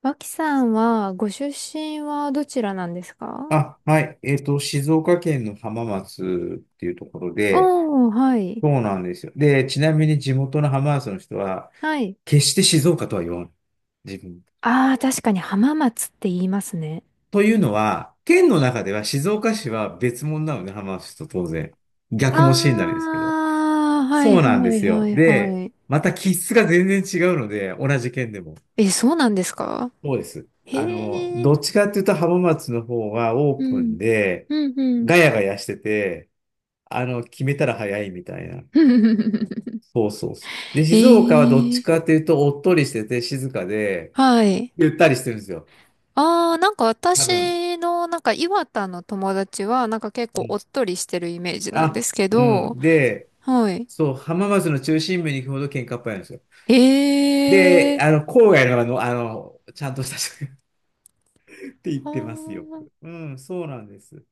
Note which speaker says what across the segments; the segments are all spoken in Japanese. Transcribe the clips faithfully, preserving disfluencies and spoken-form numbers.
Speaker 1: 脇さんは、ご出身はどちらなんですか？
Speaker 2: あ、はい。えっと、静岡県の浜松っていうところで、
Speaker 1: おー、はい。
Speaker 2: そうなんですよ。で、ちなみに地元の浜松の人は、
Speaker 1: はい。
Speaker 2: 決して静岡とは言わない。自分。
Speaker 1: ああ、確かに浜松って言いますね。
Speaker 2: というのは、県の中では静岡市は別物なので、浜松と当然。
Speaker 1: あ
Speaker 2: 逆もしになりですけど。
Speaker 1: あ、はい
Speaker 2: そう
Speaker 1: は
Speaker 2: なんで
Speaker 1: い
Speaker 2: す
Speaker 1: は
Speaker 2: よ。
Speaker 1: いは
Speaker 2: で、
Speaker 1: い。
Speaker 2: また気質が全然違うので、同じ県でも。
Speaker 1: え、そうなんですか？
Speaker 2: そうです。あの、
Speaker 1: へ
Speaker 2: ど
Speaker 1: え、
Speaker 2: っちかっていうと浜松の方はオ
Speaker 1: う
Speaker 2: ープ
Speaker 1: ん、
Speaker 2: ンで、
Speaker 1: うんうん。
Speaker 2: ガヤガヤしてて、あの、決めたら早いみたいな。そうそうそう。で、
Speaker 1: へ
Speaker 2: 静岡はどっち
Speaker 1: え、
Speaker 2: かというと、おっとりしてて静かで、
Speaker 1: はい。
Speaker 2: ゆったりしてるんですよ。
Speaker 1: ああ、なんか
Speaker 2: 多分。
Speaker 1: 私の、なんか岩田の友達は、なんか結
Speaker 2: う
Speaker 1: 構お
Speaker 2: ん。
Speaker 1: っとりしてるイメージなんで
Speaker 2: あ、
Speaker 1: すけ
Speaker 2: う
Speaker 1: ど、
Speaker 2: ん。で、
Speaker 1: はい。
Speaker 2: そう、浜松の中心部に行くほど喧嘩っぽいんですよ。
Speaker 1: へ
Speaker 2: で、
Speaker 1: え、
Speaker 2: あの、郊外のあの、あの、ちゃんとした人 って言っ
Speaker 1: は
Speaker 2: てますよ
Speaker 1: ー
Speaker 2: く。うん、そうなんです。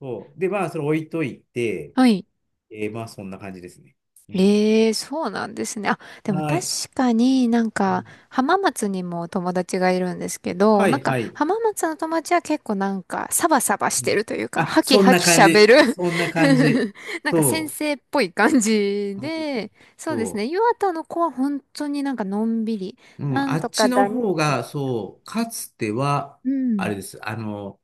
Speaker 2: そう。で、まあ、それ置いといて、
Speaker 1: はい。
Speaker 2: えーまあ、そんな感じですね。うん。
Speaker 1: ええ、そうなんですね。あ、でも
Speaker 2: は
Speaker 1: 確
Speaker 2: い。
Speaker 1: かになん
Speaker 2: う
Speaker 1: か
Speaker 2: ん。
Speaker 1: 浜松にも友達がいるんですけど、
Speaker 2: は
Speaker 1: なん
Speaker 2: い、
Speaker 1: か
Speaker 2: はい。
Speaker 1: 浜松の友達は結構なんかサバサバし
Speaker 2: う
Speaker 1: て
Speaker 2: ん。
Speaker 1: るというか、
Speaker 2: あ、
Speaker 1: ハキ
Speaker 2: そん
Speaker 1: ハ
Speaker 2: な
Speaker 1: キ
Speaker 2: 感
Speaker 1: 喋
Speaker 2: じ。
Speaker 1: る。
Speaker 2: そんな感じ。
Speaker 1: なんか先
Speaker 2: そ
Speaker 1: 生っぽい感じ
Speaker 2: う。うん、
Speaker 1: で、そうですね。
Speaker 2: そう、
Speaker 1: 岩田の子は本当になんかのんびり、
Speaker 2: う
Speaker 1: な
Speaker 2: ん、
Speaker 1: ん
Speaker 2: あ
Speaker 1: と
Speaker 2: っ
Speaker 1: か
Speaker 2: ちの
Speaker 1: だね、
Speaker 2: 方
Speaker 1: みた
Speaker 2: が、そう、かつては、
Speaker 1: いな。う
Speaker 2: あ
Speaker 1: ん。
Speaker 2: れです。あの、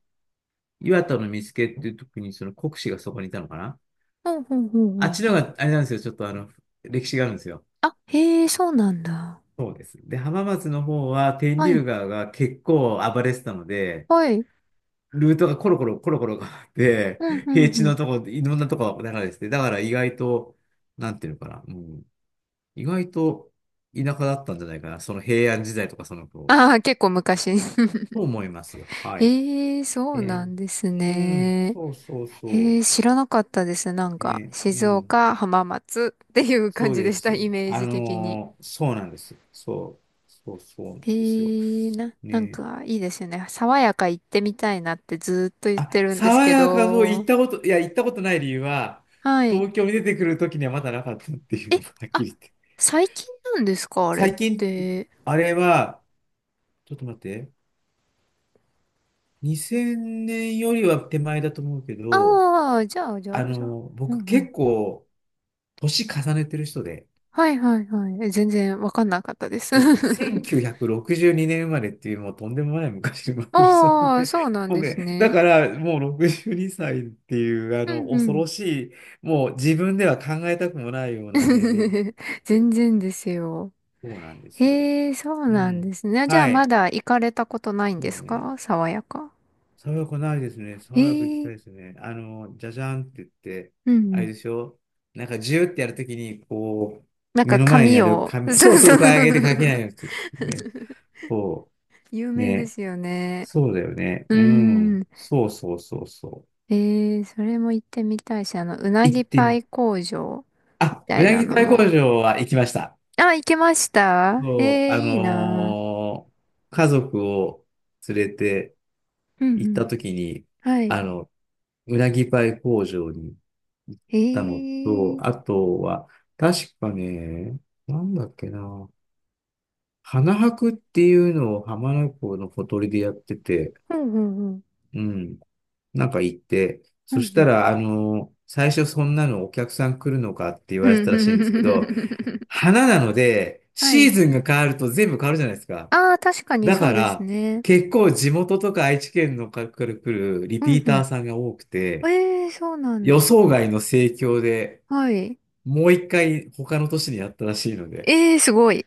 Speaker 2: 岩田の見附っていう時に、その国司がそこにいたのかな？
Speaker 1: ほうほうほう
Speaker 2: あ
Speaker 1: ほ
Speaker 2: っ
Speaker 1: う。
Speaker 2: ちの方が、あれなんですよ。ちょっとあの、歴史があるんですよ。
Speaker 1: あ、へえ、そうなんだ。
Speaker 2: そうです。で、浜松の方は、天
Speaker 1: はい。
Speaker 2: 竜川が結構暴れてたので、
Speaker 1: はい。
Speaker 2: ルートがコロコロコロコロ変わって、
Speaker 1: うん、うん、
Speaker 2: 平
Speaker 1: う
Speaker 2: 地
Speaker 1: ん。
Speaker 2: のとこ、いろんなとこが流れてて、だから意外と、なんていうのかな、うん、意外と田舎だったんじゃないかな。その平安時代とかその頃、
Speaker 1: ああ、結構昔。
Speaker 2: と思いますよ。はい。
Speaker 1: ええ、そう
Speaker 2: え
Speaker 1: な
Speaker 2: ー
Speaker 1: んです
Speaker 2: うん、
Speaker 1: ね。
Speaker 2: そうそう
Speaker 1: え
Speaker 2: そ
Speaker 1: え、知らなかったです。なん
Speaker 2: う。
Speaker 1: か、
Speaker 2: えう
Speaker 1: 静
Speaker 2: ん、
Speaker 1: 岡、浜松っていう感
Speaker 2: そう
Speaker 1: じで
Speaker 2: で
Speaker 1: し
Speaker 2: す。
Speaker 1: た、イメー
Speaker 2: あ
Speaker 1: ジ的に。
Speaker 2: のーそうなんです。そう、そう、そうなんですよ。
Speaker 1: ええ、な、なん
Speaker 2: ね。
Speaker 1: か、いいですよね。爽やか行ってみたいなってずっと言って
Speaker 2: あ、
Speaker 1: るんです
Speaker 2: 爽
Speaker 1: け
Speaker 2: やかの行っ
Speaker 1: ど。
Speaker 2: たこと、いや、行ったことない理由は、
Speaker 1: はい。
Speaker 2: 東京に出てくるときにはまだなかったっていう
Speaker 1: え、
Speaker 2: のがはっき
Speaker 1: あ、
Speaker 2: り言って。
Speaker 1: 最近なんですか、あれっ
Speaker 2: 最近、
Speaker 1: て？
Speaker 2: あれは、ちょっと待って、にせんねんよりは手前だと思うけど、
Speaker 1: ああ、じゃあ、じゃ
Speaker 2: あ
Speaker 1: あ、じゃあ。
Speaker 2: の、
Speaker 1: うん
Speaker 2: 僕
Speaker 1: うん。
Speaker 2: 結構、年重ねてる人で、
Speaker 1: はいはいはい。え全然わかんなかったです。
Speaker 2: 僕、せんきゅうひゃくろくじゅうにねん生まれっていう、もうとんでもない昔に生まれてる人う
Speaker 1: ああ、
Speaker 2: で、
Speaker 1: そうな ん
Speaker 2: 僕
Speaker 1: です
Speaker 2: ね、だ
Speaker 1: ね。
Speaker 2: からもうろくじゅうにさいっていう、あ
Speaker 1: う
Speaker 2: の、
Speaker 1: んう
Speaker 2: 恐
Speaker 1: ん。
Speaker 2: ろしい、もう自分では考えたくもないような年齢 で、
Speaker 1: 全然ですよ。
Speaker 2: そうなんですよ。
Speaker 1: へえ、そう
Speaker 2: う
Speaker 1: なん
Speaker 2: ん。
Speaker 1: ですね。じゃあ
Speaker 2: は
Speaker 1: ま
Speaker 2: い。
Speaker 1: だ行かれたことないんで
Speaker 2: そう
Speaker 1: す
Speaker 2: ね。
Speaker 1: か爽やか？
Speaker 2: 爽やかないですね。
Speaker 1: え
Speaker 2: 爽やか行きた
Speaker 1: え、
Speaker 2: いですね。あの、じゃじゃんって言って、
Speaker 1: うんう
Speaker 2: あれ
Speaker 1: ん。
Speaker 2: でしょ？なんかジューってやるときに、こ
Speaker 1: なん
Speaker 2: う、
Speaker 1: か
Speaker 2: 目の前に
Speaker 1: 髪
Speaker 2: ある
Speaker 1: を、そ
Speaker 2: 紙、そう
Speaker 1: う
Speaker 2: そ
Speaker 1: そ
Speaker 2: う、こえ上げて書け
Speaker 1: う。
Speaker 2: ないようにする。ね。そ
Speaker 1: 有
Speaker 2: う。
Speaker 1: 名で
Speaker 2: ね。
Speaker 1: すよね。
Speaker 2: そうだよね。
Speaker 1: う
Speaker 2: う
Speaker 1: ー
Speaker 2: ん。
Speaker 1: ん。
Speaker 2: そうそうそうそう。
Speaker 1: ええ、それも行ってみたいし、あの、うな
Speaker 2: 行っ
Speaker 1: ぎ
Speaker 2: て
Speaker 1: パ
Speaker 2: み、
Speaker 1: イ工場み
Speaker 2: あ、
Speaker 1: た
Speaker 2: う
Speaker 1: い
Speaker 2: な
Speaker 1: な
Speaker 2: ぎ
Speaker 1: の
Speaker 2: パイ工
Speaker 1: も。
Speaker 2: 場は行きました。
Speaker 1: あ、行けました？
Speaker 2: そう、
Speaker 1: ええ、
Speaker 2: あ
Speaker 1: いいな。
Speaker 2: のー家族を連れて
Speaker 1: うん
Speaker 2: 行
Speaker 1: う
Speaker 2: った
Speaker 1: ん。
Speaker 2: 時に、
Speaker 1: はい。
Speaker 2: あの、うなぎパイ工場に行っ
Speaker 1: え
Speaker 2: たのと、
Speaker 1: え、
Speaker 2: あとは、確かね、なんだっけな、花博っていうのを浜名湖のほとりでやってて、
Speaker 1: ほうほうほう。
Speaker 2: うん。なんか行って、
Speaker 1: う
Speaker 2: そ
Speaker 1: んう
Speaker 2: した
Speaker 1: ん。
Speaker 2: ら、あの、最初そんなのお客さん来るのかって言
Speaker 1: う
Speaker 2: われて
Speaker 1: んう
Speaker 2: た
Speaker 1: ん
Speaker 2: らしい
Speaker 1: う
Speaker 2: ん
Speaker 1: ん
Speaker 2: で
Speaker 1: う
Speaker 2: す
Speaker 1: ん
Speaker 2: け
Speaker 1: う
Speaker 2: ど、
Speaker 1: んうん。
Speaker 2: 花なので、
Speaker 1: は
Speaker 2: シー
Speaker 1: い。
Speaker 2: ズンが変わると全部変わるじゃないですか。
Speaker 1: ああ、確かに
Speaker 2: だ
Speaker 1: そ
Speaker 2: か
Speaker 1: うです
Speaker 2: ら、
Speaker 1: ね。
Speaker 2: 結構地元とか愛知県の方から来るリ
Speaker 1: う
Speaker 2: ピ
Speaker 1: ん
Speaker 2: ー
Speaker 1: う
Speaker 2: ター
Speaker 1: ん。
Speaker 2: さんが多くて、
Speaker 1: ええ、そうなん
Speaker 2: 予想
Speaker 1: だ。
Speaker 2: 外の盛況で、
Speaker 1: はい。
Speaker 2: もういっかい他の都市にやったらしいので、
Speaker 1: ええ、すごい。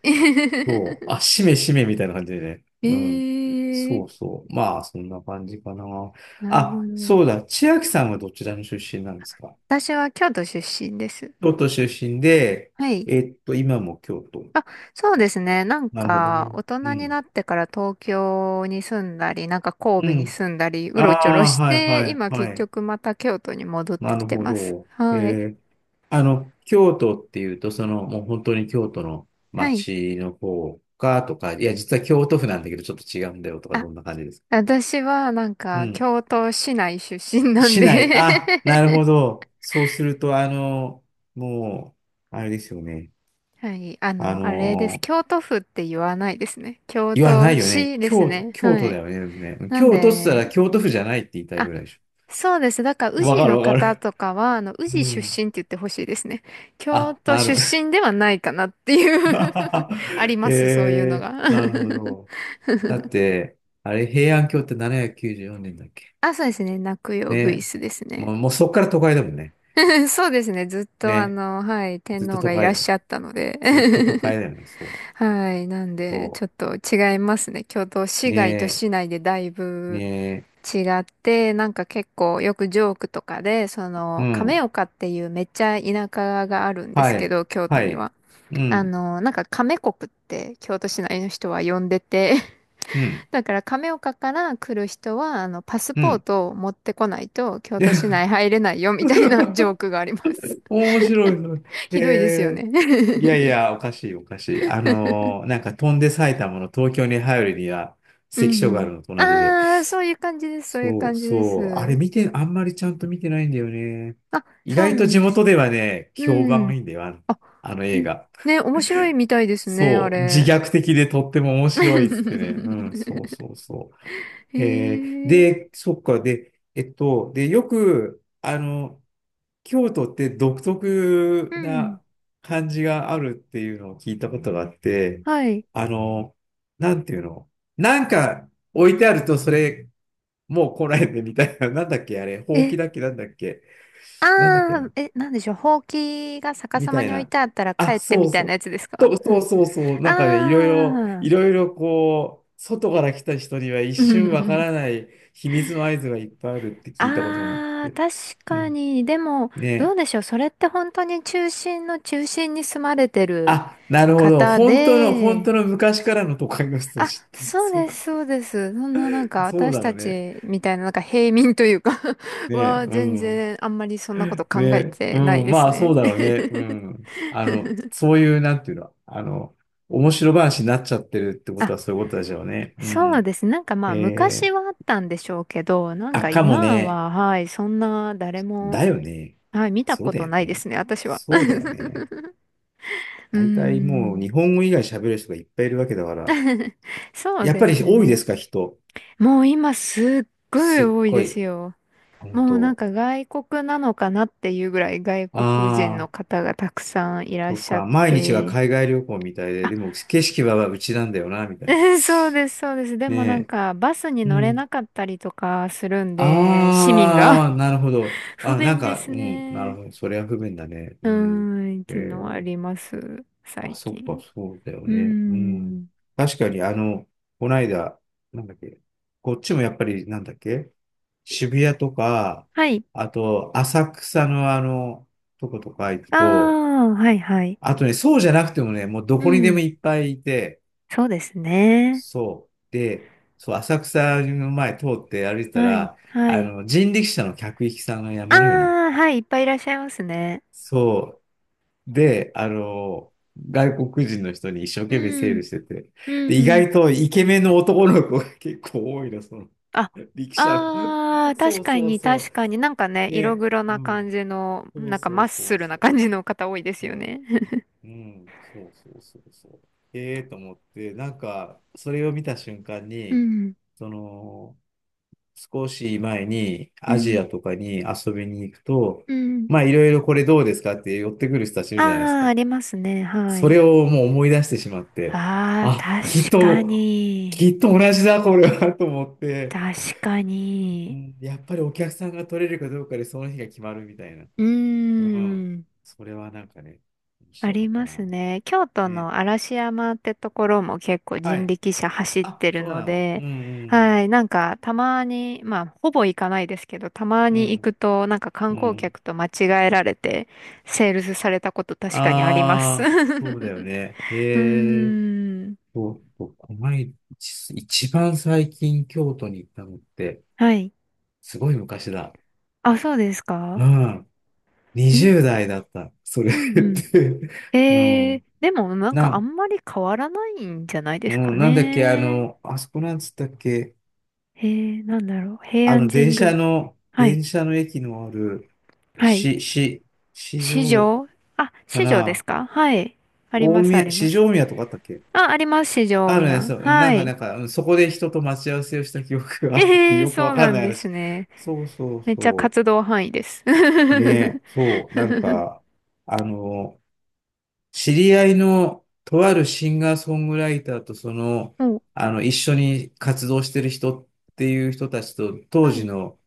Speaker 2: そう、あ、しめしめみたいな感じでね。
Speaker 1: え
Speaker 2: うん。そ
Speaker 1: え、
Speaker 2: うそう。まあ、そんな感じかな。
Speaker 1: なるほ
Speaker 2: あ、
Speaker 1: ど。
Speaker 2: そうだ。千秋さんはどちらの出身なんですか？
Speaker 1: 私は京都出身です。
Speaker 2: 京都出身で、
Speaker 1: はい。
Speaker 2: えっと、今も京都。
Speaker 1: あ、そうですね。なん
Speaker 2: なるほど
Speaker 1: か、
Speaker 2: ね。
Speaker 1: 大
Speaker 2: う
Speaker 1: 人に
Speaker 2: ん。
Speaker 1: なってから東京に住んだり、なんか神
Speaker 2: う
Speaker 1: 戸に
Speaker 2: ん。
Speaker 1: 住んだり、う
Speaker 2: あ
Speaker 1: ろちょろ
Speaker 2: あ、
Speaker 1: し
Speaker 2: はいは
Speaker 1: て、
Speaker 2: い
Speaker 1: 今結
Speaker 2: はい。
Speaker 1: 局また京都に戻って
Speaker 2: な
Speaker 1: き
Speaker 2: る
Speaker 1: て
Speaker 2: ほ
Speaker 1: ます。
Speaker 2: ど。
Speaker 1: はい。
Speaker 2: えー、あの、京都っていうと、その、もう本当に京都の
Speaker 1: はい。
Speaker 2: 街の方かとか、いや、実は京都府なんだけど、ちょっと違うんだよとか、
Speaker 1: あ、
Speaker 2: どんな感じですか？
Speaker 1: 私はなん
Speaker 2: う
Speaker 1: か、
Speaker 2: ん。
Speaker 1: 京都市内出身なん
Speaker 2: 市
Speaker 1: で、
Speaker 2: 内。あ、なるほど。そうすると、あの、もう、あれですよね。
Speaker 1: はい。あ
Speaker 2: あ
Speaker 1: の、あれです。
Speaker 2: の
Speaker 1: 京都府って言わないですね。京
Speaker 2: 言わな
Speaker 1: 都
Speaker 2: いよね。
Speaker 1: 市です
Speaker 2: 京都、
Speaker 1: ね。
Speaker 2: 京
Speaker 1: は
Speaker 2: 都
Speaker 1: い。
Speaker 2: だよね。でもね
Speaker 1: なん
Speaker 2: 京都っつったら
Speaker 1: で、
Speaker 2: 京都府じゃないって言いたい
Speaker 1: あ、
Speaker 2: ぐらいでし
Speaker 1: そうです。だから、
Speaker 2: ょ。
Speaker 1: 宇
Speaker 2: わ
Speaker 1: 治
Speaker 2: か
Speaker 1: の
Speaker 2: るわか
Speaker 1: 方
Speaker 2: る。
Speaker 1: とかは、あの、宇
Speaker 2: う
Speaker 1: 治出
Speaker 2: ん。
Speaker 1: 身って言ってほしいですね。京
Speaker 2: あ、
Speaker 1: 都
Speaker 2: な
Speaker 1: 出
Speaker 2: る。
Speaker 1: 身ではないかなっていう。 あり ます、そういうの
Speaker 2: え
Speaker 1: が。
Speaker 2: ー、なるほど。だって、あれ、平安京ってななひゃくきゅうじゅうよねんだっけ？
Speaker 1: あ、そうですね。泣くよ、グイ
Speaker 2: ね。
Speaker 1: スですね。
Speaker 2: もう、もうそっから都会だもんね。
Speaker 1: そうですね。ずっと、あ
Speaker 2: ね。
Speaker 1: の、はい、天
Speaker 2: ずっと
Speaker 1: 皇
Speaker 2: 都
Speaker 1: がい
Speaker 2: 会、
Speaker 1: らっしゃったので。
Speaker 2: ずっと都会 だよね。そう。
Speaker 1: はい。なんで、
Speaker 2: そ
Speaker 1: ちょっと違いますね。京都
Speaker 2: う。
Speaker 1: 市外と
Speaker 2: ね
Speaker 1: 市内でだい
Speaker 2: え、ね
Speaker 1: ぶ
Speaker 2: え。
Speaker 1: 違って、なんか結構よくジョークとかで、そ
Speaker 2: う
Speaker 1: の、
Speaker 2: ん。
Speaker 1: 亀岡っていうめっちゃ田舎があるんで
Speaker 2: は
Speaker 1: すけ
Speaker 2: い。
Speaker 1: ど、京都
Speaker 2: は
Speaker 1: に
Speaker 2: い。
Speaker 1: は。
Speaker 2: う
Speaker 1: あ
Speaker 2: ん。
Speaker 1: の、なんか亀国って京都市内の人は呼んでて、
Speaker 2: うん。
Speaker 1: だから亀岡から来る人は、あの、パス
Speaker 2: う
Speaker 1: ポー
Speaker 2: ん。
Speaker 1: トを持ってこないと京都市内 入れないよみたいなジョークがあります。
Speaker 2: 面白いの。へ
Speaker 1: ひどいですよね。
Speaker 2: え。いやい や、おかしい、おかしい。あのーなんか飛んで埼玉の東京に入るには
Speaker 1: う
Speaker 2: 関
Speaker 1: ん
Speaker 2: 所
Speaker 1: う
Speaker 2: がある
Speaker 1: ん。
Speaker 2: のと同じで。
Speaker 1: ああ、そういう感じです、そういう
Speaker 2: そう
Speaker 1: 感じで
Speaker 2: そう。あれ
Speaker 1: す。
Speaker 2: 見て、あんまりちゃんと見てないんだよね。
Speaker 1: あ、
Speaker 2: 意
Speaker 1: そう
Speaker 2: 外
Speaker 1: な
Speaker 2: と
Speaker 1: ん
Speaker 2: 地
Speaker 1: です
Speaker 2: 元
Speaker 1: ね。
Speaker 2: ではね、評判
Speaker 1: う
Speaker 2: が
Speaker 1: ん。
Speaker 2: いいんだよ、あの、
Speaker 1: あ、
Speaker 2: あの
Speaker 1: う
Speaker 2: 映
Speaker 1: ん
Speaker 2: 画。
Speaker 1: ね、面白いみたいですね、あ
Speaker 2: そう。自
Speaker 1: れ。
Speaker 2: 虐的でとっても面白いっつってね。うん、そう そうそ
Speaker 1: へ
Speaker 2: う。えー
Speaker 1: え、
Speaker 2: で、そっか、で、えっと、で、よく、あの、京都って独特
Speaker 1: うん。
Speaker 2: な感じがあるっていうのを聞いたことがあって、
Speaker 1: はい。
Speaker 2: あの、なんていうの、なんか置いてあると、それ、もう来ないでみたいな、なんだっけ、あれ、ほうき
Speaker 1: え、
Speaker 2: だっけ、なんだっけ、なんだっけ
Speaker 1: ああ、
Speaker 2: な、
Speaker 1: え、なんでしょう、ほうきが逆
Speaker 2: み
Speaker 1: さま
Speaker 2: たい
Speaker 1: に置い
Speaker 2: な。
Speaker 1: てあったら帰
Speaker 2: あ、
Speaker 1: って
Speaker 2: そ
Speaker 1: み
Speaker 2: う
Speaker 1: たい
Speaker 2: そ
Speaker 1: な
Speaker 2: う。
Speaker 1: やつですか？
Speaker 2: と、そうそうそう。
Speaker 1: あ
Speaker 2: なんかね、いろい
Speaker 1: あ
Speaker 2: ろ、
Speaker 1: ー。
Speaker 2: いろいろこう、外から来た人には一瞬わから ない秘密の合図がいっぱいあるって聞いたことがあっ
Speaker 1: ああ、
Speaker 2: て。
Speaker 1: 確
Speaker 2: う
Speaker 1: か
Speaker 2: ん、
Speaker 1: に。でも、
Speaker 2: ね
Speaker 1: ど
Speaker 2: え、
Speaker 1: うでしょう。それって本当に中心の中心に住まれてる
Speaker 2: あ、なるほど。
Speaker 1: 方
Speaker 2: 本当の、本
Speaker 1: で、
Speaker 2: 当の昔からの都会の人た
Speaker 1: あ、
Speaker 2: ちって、
Speaker 1: そう
Speaker 2: そういう
Speaker 1: で
Speaker 2: こと、
Speaker 1: す、そうです。そんななんか
Speaker 2: そう
Speaker 1: 私
Speaker 2: だろ
Speaker 1: た
Speaker 2: うね。
Speaker 1: ちみたいななんか平民というか、
Speaker 2: ねえ、
Speaker 1: は
Speaker 2: う
Speaker 1: 全
Speaker 2: ん。
Speaker 1: 然あんまりそんなこ
Speaker 2: ね
Speaker 1: と考え
Speaker 2: え、
Speaker 1: て
Speaker 2: う
Speaker 1: ない
Speaker 2: ん。
Speaker 1: です
Speaker 2: まあ、そ
Speaker 1: ね。
Speaker 2: うだろうね。うん。あの、そういう、なんていうの、あの、面白話になっちゃってるって こと
Speaker 1: あ、
Speaker 2: はそういうことでしょうね。う
Speaker 1: そう
Speaker 2: ん。
Speaker 1: ですね。なんかまあ
Speaker 2: え
Speaker 1: 昔
Speaker 2: ー
Speaker 1: はあったんでしょうけど、なん
Speaker 2: あ、
Speaker 1: か
Speaker 2: かも
Speaker 1: 今
Speaker 2: ね。
Speaker 1: は、はい、そんな誰も、
Speaker 2: だよね。
Speaker 1: はい、見た
Speaker 2: そう
Speaker 1: こ
Speaker 2: だ
Speaker 1: と
Speaker 2: よ
Speaker 1: ないで
Speaker 2: ね。
Speaker 1: すね、私は。
Speaker 2: そうだよ ね。
Speaker 1: うー
Speaker 2: 大体もう
Speaker 1: ん、
Speaker 2: 日本語以外喋る人がいっぱいいるわけだから。
Speaker 1: そう
Speaker 2: やっ
Speaker 1: で
Speaker 2: ぱ
Speaker 1: す
Speaker 2: り多いで
Speaker 1: ね。
Speaker 2: すか、人？
Speaker 1: もう今すっごい
Speaker 2: すっ
Speaker 1: 多い
Speaker 2: ご
Speaker 1: です
Speaker 2: い。
Speaker 1: よ。
Speaker 2: 本
Speaker 1: もうなん
Speaker 2: 当？
Speaker 1: か外国なのかなっていうぐらい外国人の
Speaker 2: ああ、
Speaker 1: 方がたくさんいらっ
Speaker 2: そっ
Speaker 1: しゃっ
Speaker 2: か。毎日が
Speaker 1: て。
Speaker 2: 海外旅行みたいで、
Speaker 1: あ、
Speaker 2: でも景色はうちなんだよな、みたいな。
Speaker 1: そうです、そうです。でもなん
Speaker 2: ね
Speaker 1: かバスに
Speaker 2: え。う
Speaker 1: 乗れな
Speaker 2: ん。
Speaker 1: かったりとかするんで、市民が。
Speaker 2: ああ、なるほど。
Speaker 1: 不
Speaker 2: あ、なん
Speaker 1: 便で
Speaker 2: か、
Speaker 1: す
Speaker 2: うん。なる
Speaker 1: ね。
Speaker 2: ほど。それは不便だね。
Speaker 1: う
Speaker 2: うん。
Speaker 1: ーん、っ
Speaker 2: え
Speaker 1: ていうのはあ
Speaker 2: ー
Speaker 1: ります、
Speaker 2: あ、
Speaker 1: 最
Speaker 2: そっか、
Speaker 1: 近。
Speaker 2: そうだよ
Speaker 1: うー
Speaker 2: ね。うん。
Speaker 1: ん。
Speaker 2: 確かに、あの、こないだ、なんだっけ、こっちもやっぱり、なんだっけ、渋谷とか、
Speaker 1: はい。
Speaker 2: あと、浅草のあの、とことか行く
Speaker 1: あ
Speaker 2: と、
Speaker 1: あ、はいはい。
Speaker 2: あとね、そうじゃなくてもね、もうど
Speaker 1: う
Speaker 2: こにでも
Speaker 1: ん。
Speaker 2: いっぱいいて、
Speaker 1: そうですね。
Speaker 2: そう。で、そう、浅草の前通って歩いてた
Speaker 1: はい、
Speaker 2: ら、
Speaker 1: は
Speaker 2: あ
Speaker 1: い。
Speaker 2: の、人力車の客引きさんが
Speaker 1: あ
Speaker 2: 山のように、
Speaker 1: あ、はい、いっぱいいらっしゃいますね。
Speaker 2: そうで、あの、外国人の人に一生
Speaker 1: う
Speaker 2: 懸命セール
Speaker 1: ん、
Speaker 2: してて、
Speaker 1: う
Speaker 2: で、
Speaker 1: ん、
Speaker 2: 意
Speaker 1: う
Speaker 2: 外
Speaker 1: ん。
Speaker 2: とイケメンの男の子が結構多いの、その、
Speaker 1: あ、
Speaker 2: 力車の。
Speaker 1: あー、
Speaker 2: そ
Speaker 1: 確
Speaker 2: う
Speaker 1: か
Speaker 2: そう
Speaker 1: に
Speaker 2: そ
Speaker 1: 確かになんかね、
Speaker 2: う。
Speaker 1: 色
Speaker 2: ね、
Speaker 1: 黒な
Speaker 2: う
Speaker 1: 感
Speaker 2: ん。
Speaker 1: じの、
Speaker 2: そう
Speaker 1: なんか
Speaker 2: そ
Speaker 1: マ
Speaker 2: う
Speaker 1: ッ
Speaker 2: そ
Speaker 1: ス
Speaker 2: う
Speaker 1: ルな
Speaker 2: そう。
Speaker 1: 感じの方多いですよ
Speaker 2: そ
Speaker 1: ね。
Speaker 2: う、うん、そうそうそうそう。ええと思って、なんか、それを見た瞬間
Speaker 1: う
Speaker 2: に、
Speaker 1: ん、
Speaker 2: その、少し前に
Speaker 1: う
Speaker 2: アジ
Speaker 1: ん、
Speaker 2: アとかに遊びに行くと、
Speaker 1: うん。
Speaker 2: まあ、いろいろこれどうですかって寄ってくる人たちいるじゃないです
Speaker 1: あー、
Speaker 2: か。
Speaker 1: ありますね、は
Speaker 2: そ
Speaker 1: い。
Speaker 2: れをもう思い出してしまって、
Speaker 1: あー、
Speaker 2: あ、きっ
Speaker 1: 確か
Speaker 2: と、
Speaker 1: に。
Speaker 2: きっと同じだ、これは、と思って、
Speaker 1: 確か
Speaker 2: う
Speaker 1: に。
Speaker 2: ん、やっぱりお客さんが取れるかどうかでその日が決まるみたいな。
Speaker 1: うー
Speaker 2: うん。
Speaker 1: ん。
Speaker 2: それはなんかね、面
Speaker 1: あ
Speaker 2: 白か
Speaker 1: り
Speaker 2: った
Speaker 1: ます
Speaker 2: な。
Speaker 1: ね。京都の
Speaker 2: ね。
Speaker 1: 嵐山ってところも結構
Speaker 2: は
Speaker 1: 人
Speaker 2: い。
Speaker 1: 力車走っ
Speaker 2: あ、
Speaker 1: てる
Speaker 2: そう
Speaker 1: の
Speaker 2: なの。う
Speaker 1: で、
Speaker 2: ん
Speaker 1: はい、なんかたまに、まあほぼ行かないですけど、たま
Speaker 2: う
Speaker 1: に行く
Speaker 2: ん。
Speaker 1: となんか
Speaker 2: う
Speaker 1: 観
Speaker 2: ん。う
Speaker 1: 光
Speaker 2: ん。
Speaker 1: 客と間違えられてセールスされたこと確かにあります。う
Speaker 2: ああ、そうだよね。
Speaker 1: ー
Speaker 2: へえ。
Speaker 1: ん。
Speaker 2: そうそう、この間、一一番最近京都に行ったのって、
Speaker 1: はい。
Speaker 2: すごい昔だ。
Speaker 1: あ、そうです
Speaker 2: う
Speaker 1: か？
Speaker 2: ん。
Speaker 1: い、う
Speaker 2: にじゅう
Speaker 1: ん
Speaker 2: 代だった。それっ
Speaker 1: うん。
Speaker 2: て。う
Speaker 1: えー、
Speaker 2: ん。
Speaker 1: でもなんかあ
Speaker 2: な、
Speaker 1: んまり変わらないんじゃないで
Speaker 2: う
Speaker 1: すか
Speaker 2: ん、なんだっけ、あ
Speaker 1: ね。
Speaker 2: の、あそこなんつったっけ、
Speaker 1: えー、なんだろう。平
Speaker 2: あ
Speaker 1: 安
Speaker 2: の、
Speaker 1: 神
Speaker 2: 電車
Speaker 1: 宮。
Speaker 2: の、
Speaker 1: はい。
Speaker 2: 電車の駅のある、
Speaker 1: はい。
Speaker 2: し、し、市
Speaker 1: 市
Speaker 2: 場
Speaker 1: 場。あ、
Speaker 2: か
Speaker 1: 市場です
Speaker 2: な、
Speaker 1: か？はい。あり
Speaker 2: 大
Speaker 1: ます、あ
Speaker 2: 宮、
Speaker 1: り
Speaker 2: 市
Speaker 1: ます。
Speaker 2: 場大宮とかあったっけ？
Speaker 1: あ、あります、市場大
Speaker 2: あるね、
Speaker 1: 宮。
Speaker 2: そう、な
Speaker 1: は
Speaker 2: んか、
Speaker 1: い。
Speaker 2: なんか、うん、そこで人と待ち合わせをした記憶があるって
Speaker 1: ええー、
Speaker 2: よく
Speaker 1: そ
Speaker 2: わ
Speaker 1: う
Speaker 2: か
Speaker 1: な
Speaker 2: んな
Speaker 1: ん
Speaker 2: い
Speaker 1: です
Speaker 2: 話。
Speaker 1: ね。
Speaker 2: そうそう
Speaker 1: めっちゃ
Speaker 2: そ
Speaker 1: 活動範囲です。
Speaker 2: う。ね、そう、なんか、あの、知り合いのとあるシンガーソングライターとその、
Speaker 1: お、
Speaker 2: あの、一緒に活動してる人っていう人たちと、当
Speaker 1: は
Speaker 2: 時
Speaker 1: い、
Speaker 2: の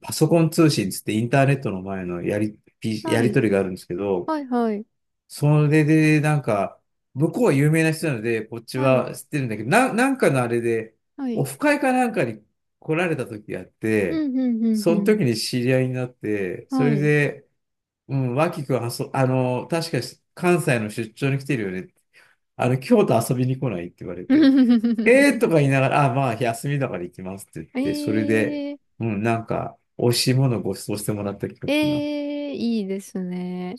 Speaker 2: パソコン通信つってインターネットの前のやり、ピや
Speaker 1: は
Speaker 2: り
Speaker 1: い、
Speaker 2: とりがあるんですけど、
Speaker 1: はい、はい、
Speaker 2: それでなんか、向こうは有名な人なので、こっち
Speaker 1: はい、
Speaker 2: は知ってるんだけど、な、なんかのあれで、
Speaker 1: は
Speaker 2: オ
Speaker 1: い。
Speaker 2: フ会かなんかに来られた時があっ
Speaker 1: う
Speaker 2: て、
Speaker 1: ん、うん、うん、
Speaker 2: そ
Speaker 1: う
Speaker 2: の
Speaker 1: ん。
Speaker 2: 時に知り合いになって、そ
Speaker 1: は
Speaker 2: れ
Speaker 1: い。
Speaker 2: で、うん、脇くんはそ、あの、確かに関西の出張に来てるよねって。あの、京都遊びに来ないって言われて、えーと か言いながら、あ、まあ、休みだから行きますって言って、それで、
Speaker 1: ええ
Speaker 2: うん、なんか、美味しいものをご馳走してもらった記憶が。
Speaker 1: ええ、いいですね。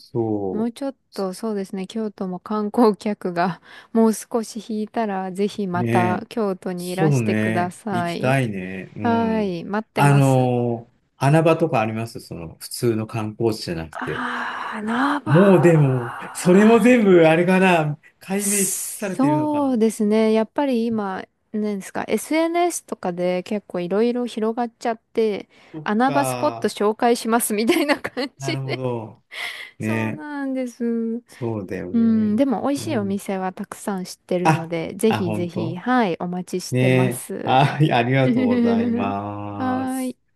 Speaker 1: も
Speaker 2: そ
Speaker 1: うちょっと、そうですね、京都も観光客が もう少し引いたら、ぜひ
Speaker 2: う。
Speaker 1: ま
Speaker 2: ね
Speaker 1: た
Speaker 2: え。
Speaker 1: 京都にい
Speaker 2: そ
Speaker 1: らし
Speaker 2: う
Speaker 1: てくだ
Speaker 2: ね。
Speaker 1: さ
Speaker 2: 行き
Speaker 1: い。
Speaker 2: たいね。う
Speaker 1: は
Speaker 2: ん。
Speaker 1: い、待って
Speaker 2: あ
Speaker 1: ます。
Speaker 2: のー穴場とかあります？その、普通の観光地じゃなくて。
Speaker 1: あー、ナ
Speaker 2: もうでも、
Speaker 1: バ
Speaker 2: それも全
Speaker 1: ー。
Speaker 2: 部、あれかな、解明し尽くされているのか
Speaker 1: そう
Speaker 2: な。
Speaker 1: ですね、やっぱり今、何ですか、エスエヌエス とかで結構いろいろ広がっちゃって、
Speaker 2: そっ
Speaker 1: 穴場スポット
Speaker 2: か。
Speaker 1: 紹介しますみたいな感
Speaker 2: な
Speaker 1: じ
Speaker 2: るほ
Speaker 1: で。
Speaker 2: ど。
Speaker 1: そう
Speaker 2: ね。
Speaker 1: なんです。
Speaker 2: そうだよ
Speaker 1: う
Speaker 2: ね。
Speaker 1: ん、でも美味
Speaker 2: う
Speaker 1: しいお
Speaker 2: ん。
Speaker 1: 店はたくさん知ってるの
Speaker 2: あ、
Speaker 1: で、ぜ
Speaker 2: あ、
Speaker 1: ひぜ
Speaker 2: 本
Speaker 1: ひ、
Speaker 2: 当
Speaker 1: はい、お待ちしてま
Speaker 2: ね。
Speaker 1: す。
Speaker 2: あ、あり が
Speaker 1: は
Speaker 2: とうございま
Speaker 1: ー
Speaker 2: す。
Speaker 1: い。